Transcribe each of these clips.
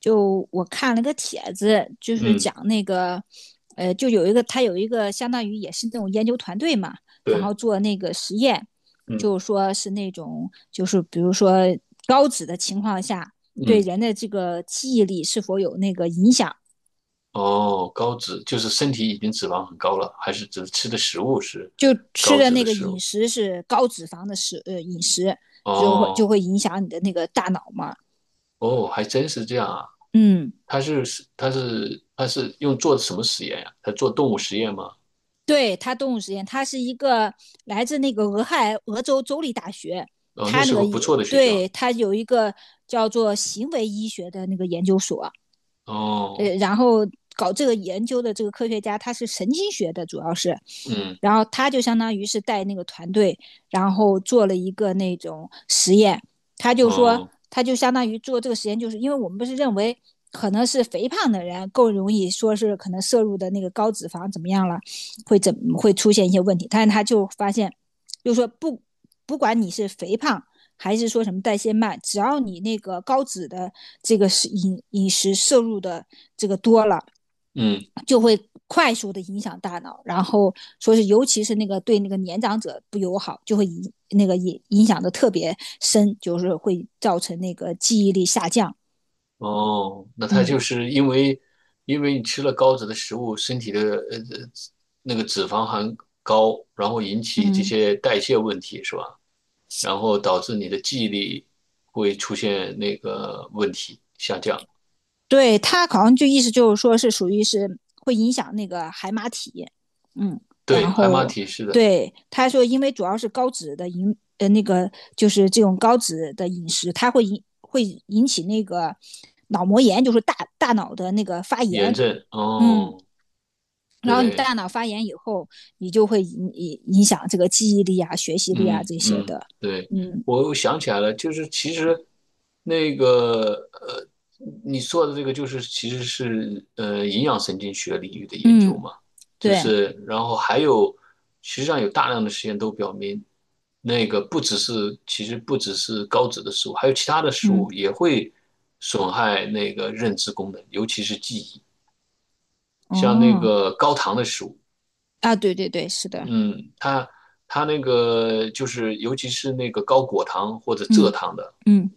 就我看了个帖子，就是嗯，讲那个，就有一个他有一个相当于也是那种研究团队嘛，然后对，做那个实验，就嗯说是那种就是比如说高脂的情况下，对嗯，人的这个记忆力是否有那个影响，哦，高脂就是身体已经脂肪很高了，还是只是吃的食物是就吃高的脂那的个食饮物？食是高脂肪的饮食，就会哦就会影响你的那个大脑嘛，哦，还真是这样啊！嗯。他是他是用做什么实验呀、他做动物实验吗？对他动物实验，他是一个来自那个俄亥俄州州立大学，哦，那他那是个个不也错的学校。对他有一个叫做行为医学的那个研究所，哦，然后搞这个研究的这个科学家，他是神经学的，主要是嗯，然后他就相当于是带那个团队，然后做了一个那种实验。他就说，哦，他就相当于做这个实验，就是因为我们不是认为可能是肥胖的人更容易说是可能摄入的那个高脂肪怎么样了，怎么会出现一些问题？但是他就发现，就说不管你是肥胖还是说什么代谢慢，只要你那个高脂的这个是饮食摄入的这个多了，嗯，就会快速的影响大脑，然后说是尤其是那个对那个年长者不友好，就会影那个影影响的特别深，就是会造成那个记忆力下降。哦，那他就嗯是因为你吃了高脂的食物，身体的呃呃那个脂肪含高，然后引起这嗯，些代谢问题，是吧？然后导致你的记忆力会出现那个问题下降。对他好像就意思就是说是属于是会影响那个海马体。嗯，对，然海马后体是的，对他说，因为主要是高脂的那个就是这种高脂的饮食，它会引起那个脑膜炎，就是大脑的那个发炎炎。症。嗯，哦，然后你对。大脑发炎以后，你就会影响这个记忆力啊、学习力啊嗯这些嗯，的。对，嗯我又想起来了，就是其实那个你说的这个就是其实是营养神经学领域的研究嗯，嘛，就对，是然后还有实际上有大量的实验都表明，那个不只是其实不只是高脂的食物，还有其他的食物嗯也会损害那个认知功能，尤其是记忆，像那哦，个高糖的食物。啊，对对对，是的，嗯，它那个就是尤其是那个高果糖或者蔗嗯糖的，嗯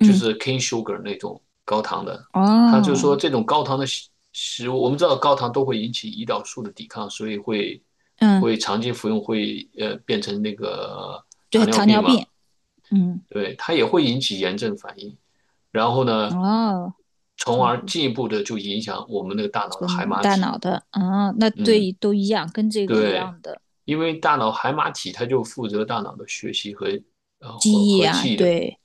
就是 cane sugar 那种高糖的，它就哦，说这种高糖的食物，我们知道高糖都会引起胰岛素的抵抗，所以会嗯，长期服用会变成那个对，糖尿糖病尿嘛，病，嗯对，它也会引起炎症反应，然后呢，哦，从就而是进一步的就影响我们那个大脑这的个海马大体，脑的啊，那嗯。对都一样，跟这个一对，样的因为大脑海马体它就负责大脑的学习和呃和记忆和啊，记忆的，对，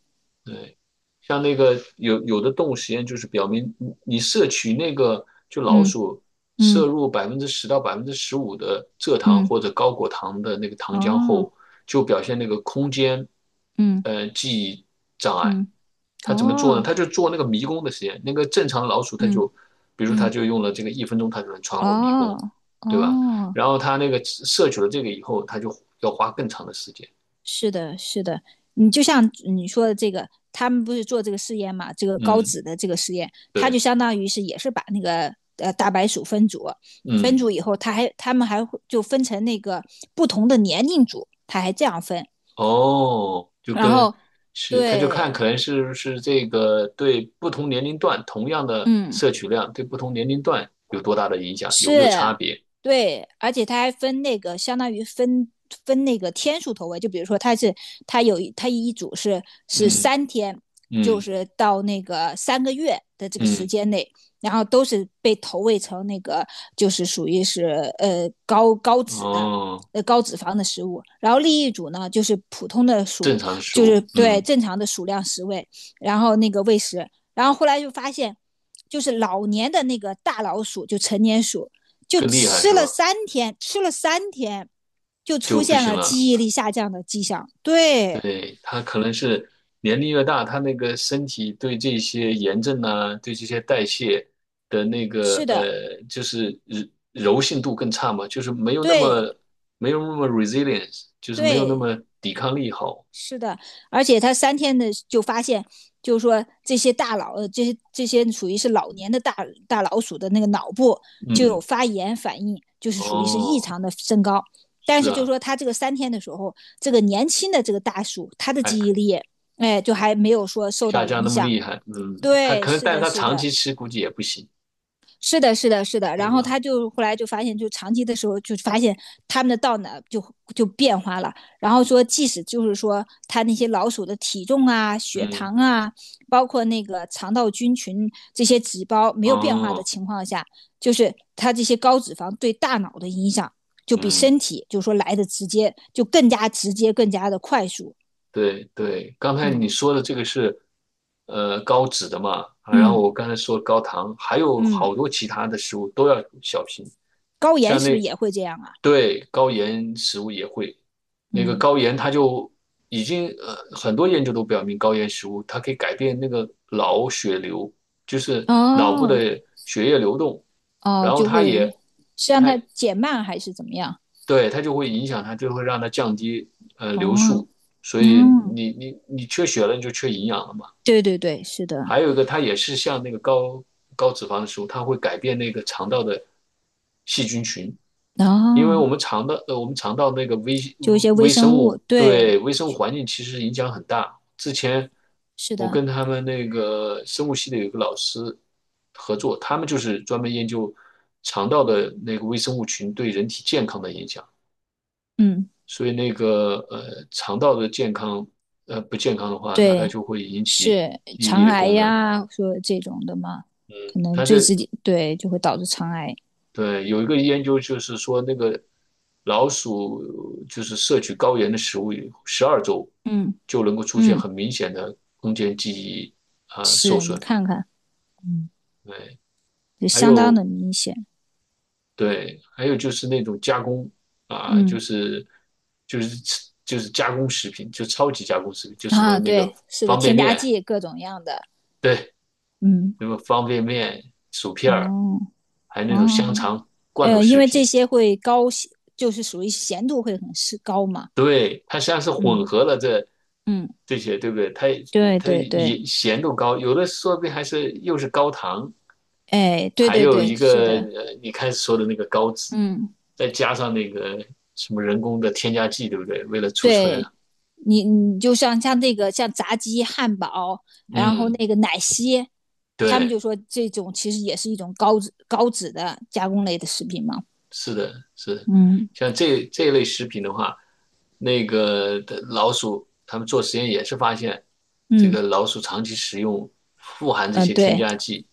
对，像那个有的动物实验就是表明你，摄取那个就老嗯鼠摄嗯入百分之十到15%的蔗糖嗯或者高果糖的那个糖浆哦，后，就表现那个空间，嗯记忆障碍。嗯他怎么做呢？哦他就做那个迷宫的实验。那个正常老鼠，他就，嗯比如说它嗯就用了这个1分钟，他就能穿过迷哦宫，对吧？哦。然后他那个摄取了这个以后，他就要花更长的时间。是的，是的，你就像你说的这个，他们不是做这个试验嘛？这个高嗯，脂的这个实验，他就对，相当于是也是把那个大白鼠分组，分嗯。组以后，他们还会就分成那个不同的年龄组，他还这样分。哦，然后是，他就看对，可能是不是这个对不同年龄段同样的嗯。摄取量对不同年龄段有多大的影响，有没有是，差别？对，而且它还分那个，相当于分那个天数投喂，就比如说它一组是嗯三天，就嗯是到那个3个月的这个时嗯，间内，然后都是被投喂成那个就是属于是高脂的。哦，高脂肪的食物，然后另一组呢就是普通的正鼠，常的食就是物，对嗯，正常的鼠量食喂，然后那个喂食，然后后来就发现就是老年的那个大老鼠，就成年鼠，就更厉害吃是了吧？三天，吃了三天，就就出不现行了了。记忆力下降的迹象。对，对，他可能是年龄越大，他那个身体对这些炎症啊，对这些代谢的那个是的，就是柔性度更差嘛，就是没有那对么没有那么 resilience，就是没有那对，么抵抗力好。是的，而且他三天的就发现，就是说这些这些属于是老年的大老鼠的那个脑部就有嗯，发炎反应，就是属于是异哦，常的升高。但是是就是啊，说他这个三天的时候，这个年轻的这个大鼠，他的还记忆可力，哎，就还没有说受下到降那影么响。厉害。嗯，他对，可能，是但是的，他是长的，期吃估计也不行，是的，是的，是的。对然后吧？他就后来就发现，就长期的时候就发现他们的道呢就变化了。然后说，即使就是说他那些老鼠的体重啊、血嗯，糖啊，包括那个肠道菌群这些指标没有变化的哦，情况下，就是他这些高脂肪对大脑的影响就比嗯。身体就是说来的直接，就更加直接、更加的快速。对对，刚才你嗯说的这个是，高脂的嘛，啊然后嗯我刚才说高糖，还有好嗯，多其他的食物都要小心，高盐像是不是那，也会这样啊？对，高盐食物也会，那个嗯，高盐它就已经呃很多研究都表明高盐食物它可以改变那个脑血流，就是脑部哦。的血液流动，哦，然后就会是让它它减慢还是怎么样？对，它就会影响它，就会让它降低流哦，速，所以嗯，你缺血了，你就缺营养了嘛。对对对，是的，还有一个，它也是像那个高脂肪的食物，它会改变那个肠道的细菌群，因为哦，我们肠道那个微就一些微微生生物，物对，对微生物环境其实影响很大。之前是我的，跟他们那个生物系的有一个老师合作，他们就是专门研究肠道的那个微生物群对人体健康的影响。嗯，所以那个肠道的健康不健康的话，那它对，就会引起是记忆力肠的癌功能。呀，说这种的嘛，可能它对这自己对，就会导致肠癌。对有一个研究就是说，那个老鼠就是摄取高盐的食物以后，12周嗯就能够出现嗯，很明显的空间记忆啊、受是你损。看看，嗯，对，就还相当有的明显。对，还有就是那种加工啊、嗯就是就是加工食品，就超级加工食品，就什么啊，那个对，是的，方便添加面。剂各种样的。对，嗯，什么方便面、薯片儿，哦还有那种香哦，肠、罐头因食为这品。些会高就是属于咸度会很是高嘛。对，它实际上是混嗯合了这嗯，这些，对不对？它对它对对，也咸度高，有的说不定还是又是高糖，哎，对还对有对，一是个的，你开始说的那个高脂，嗯，再加上那个什么人工的添加剂，对不对？为了储存，对你就像那个像炸鸡、汉堡，然后嗯，那个奶昔，他们对。就说这种其实也是一种高脂的加工类的食品嘛。是的，是的，嗯像这一类食品的话，那个的老鼠，他们做实验也是发现，这嗯个嗯、老鼠长期食用富含这些添对加剂，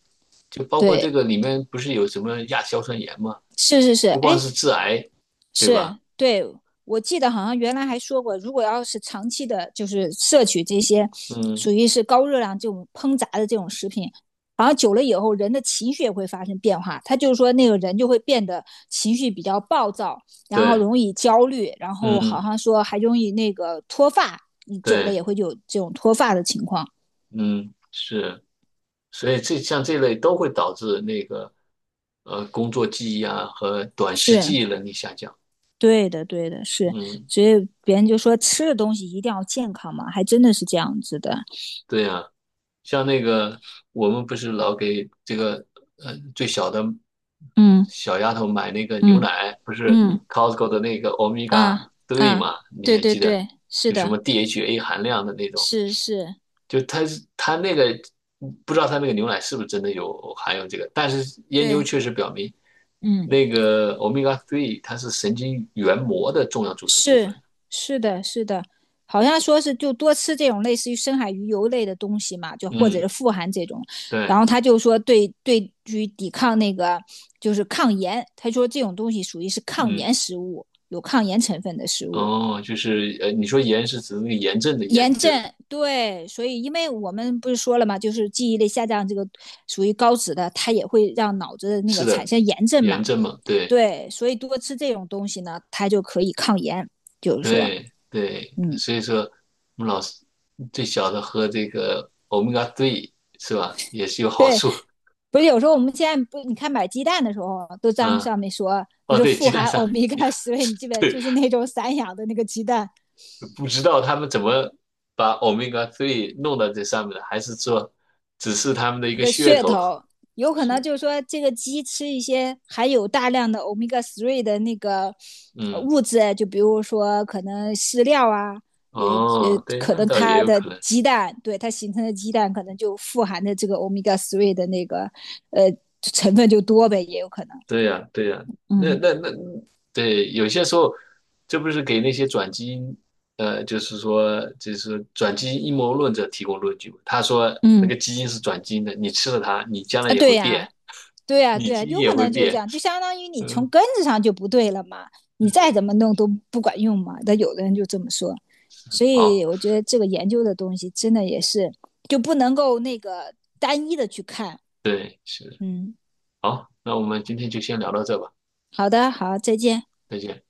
就包括这对，个里面不是有什么亚硝酸盐吗？是是是，不光哎，是致癌，对是，吧？对，我记得好像原来还说过，如果要是长期的，就是摄取这些嗯，属于是高热量这种烹炸的这种食品，好像久了以后，人的情绪也会发生变化。他就是说，那个人就会变得情绪比较暴躁，然后对，容易焦虑，然后好嗯，像说还容易那个脱发，你久了也对，会有这种脱发的情况。嗯，是，所以这像这类都会导致那个工作记忆啊和短时记是忆能力下降。对的，对的，是。嗯。所以别人就说吃的东西一定要健康嘛，还真的是这样子的。对呀，像那个我们不是老给这个最小的嗯小丫头买那个牛嗯奶，不是 嗯。Costco 的那个 o m e g 啊 a 啊，嘛？你对还对记得？对，是就什么 的，DHA 含量的那种，是是，就它那个不知道它那个牛奶是不是真的有含有这个，但是研究对，确实表明，嗯，那个 o m e g a 它是神经元膜的重要组成部分。是是的，是的，好像说是就多吃这种类似于深海鱼油类的东西嘛，就或者是嗯，富含这种，然对。后他就说对于抵抗那个就是抗炎，他说这种东西属于是抗嗯。炎食物，有抗炎成分的食物。哦，就是你说炎是指那个炎症的炎，炎对症，吧？对，所以因为我们不是说了嘛，就是记忆力下降这个属于高脂的，它也会让脑子的那是个产的，生炎症炎嘛。症嘛，对对，所以多吃这种东西呢，它就可以抗炎。就是说，对对，嗯，所以说我们老师最小的喝这个 omega three 是吧，也是有好对，处。不是有时候我们现在不，你看买鸡蛋的时候，都在嗯，上面说不哦，是对，富鸡蛋含上欧面 米伽十位，你记不记 得？对，就是那种散养的那个鸡蛋，不知道他们怎么把 omega three 弄到这上面的，还是说只是他们的一一个个噱噱头？头，有 可能是，就是说这个鸡吃一些含有大量的欧米伽 three 的那个嗯，物质，就比如说可能饲料啊，也哦，对，可那能倒也它有的可能。鸡蛋，对它形成的鸡蛋可能就富含的这个欧米伽 three 的那个呃成分就多呗，也有可能。对呀，对呀，那嗯那那，对，有些时候，这不是给那些转基因，就是说，就是转基因阴谋论者提供论据吗？他说那个嗯基因是转基因的，你吃了它，你将来啊，也会对呀、变，啊对呀、啊你对呀、啊基因有也可会能就这变。样，就相当于你从嗯，根子上就不对了嘛，你再对，怎么弄都不管用嘛。但有的人就这么说，所好，以我觉得这个研究的东西真的也是就不能够那个单一的去看。对，是，嗯，好，那我们今天就先聊到这吧，好的，好，再见。再见。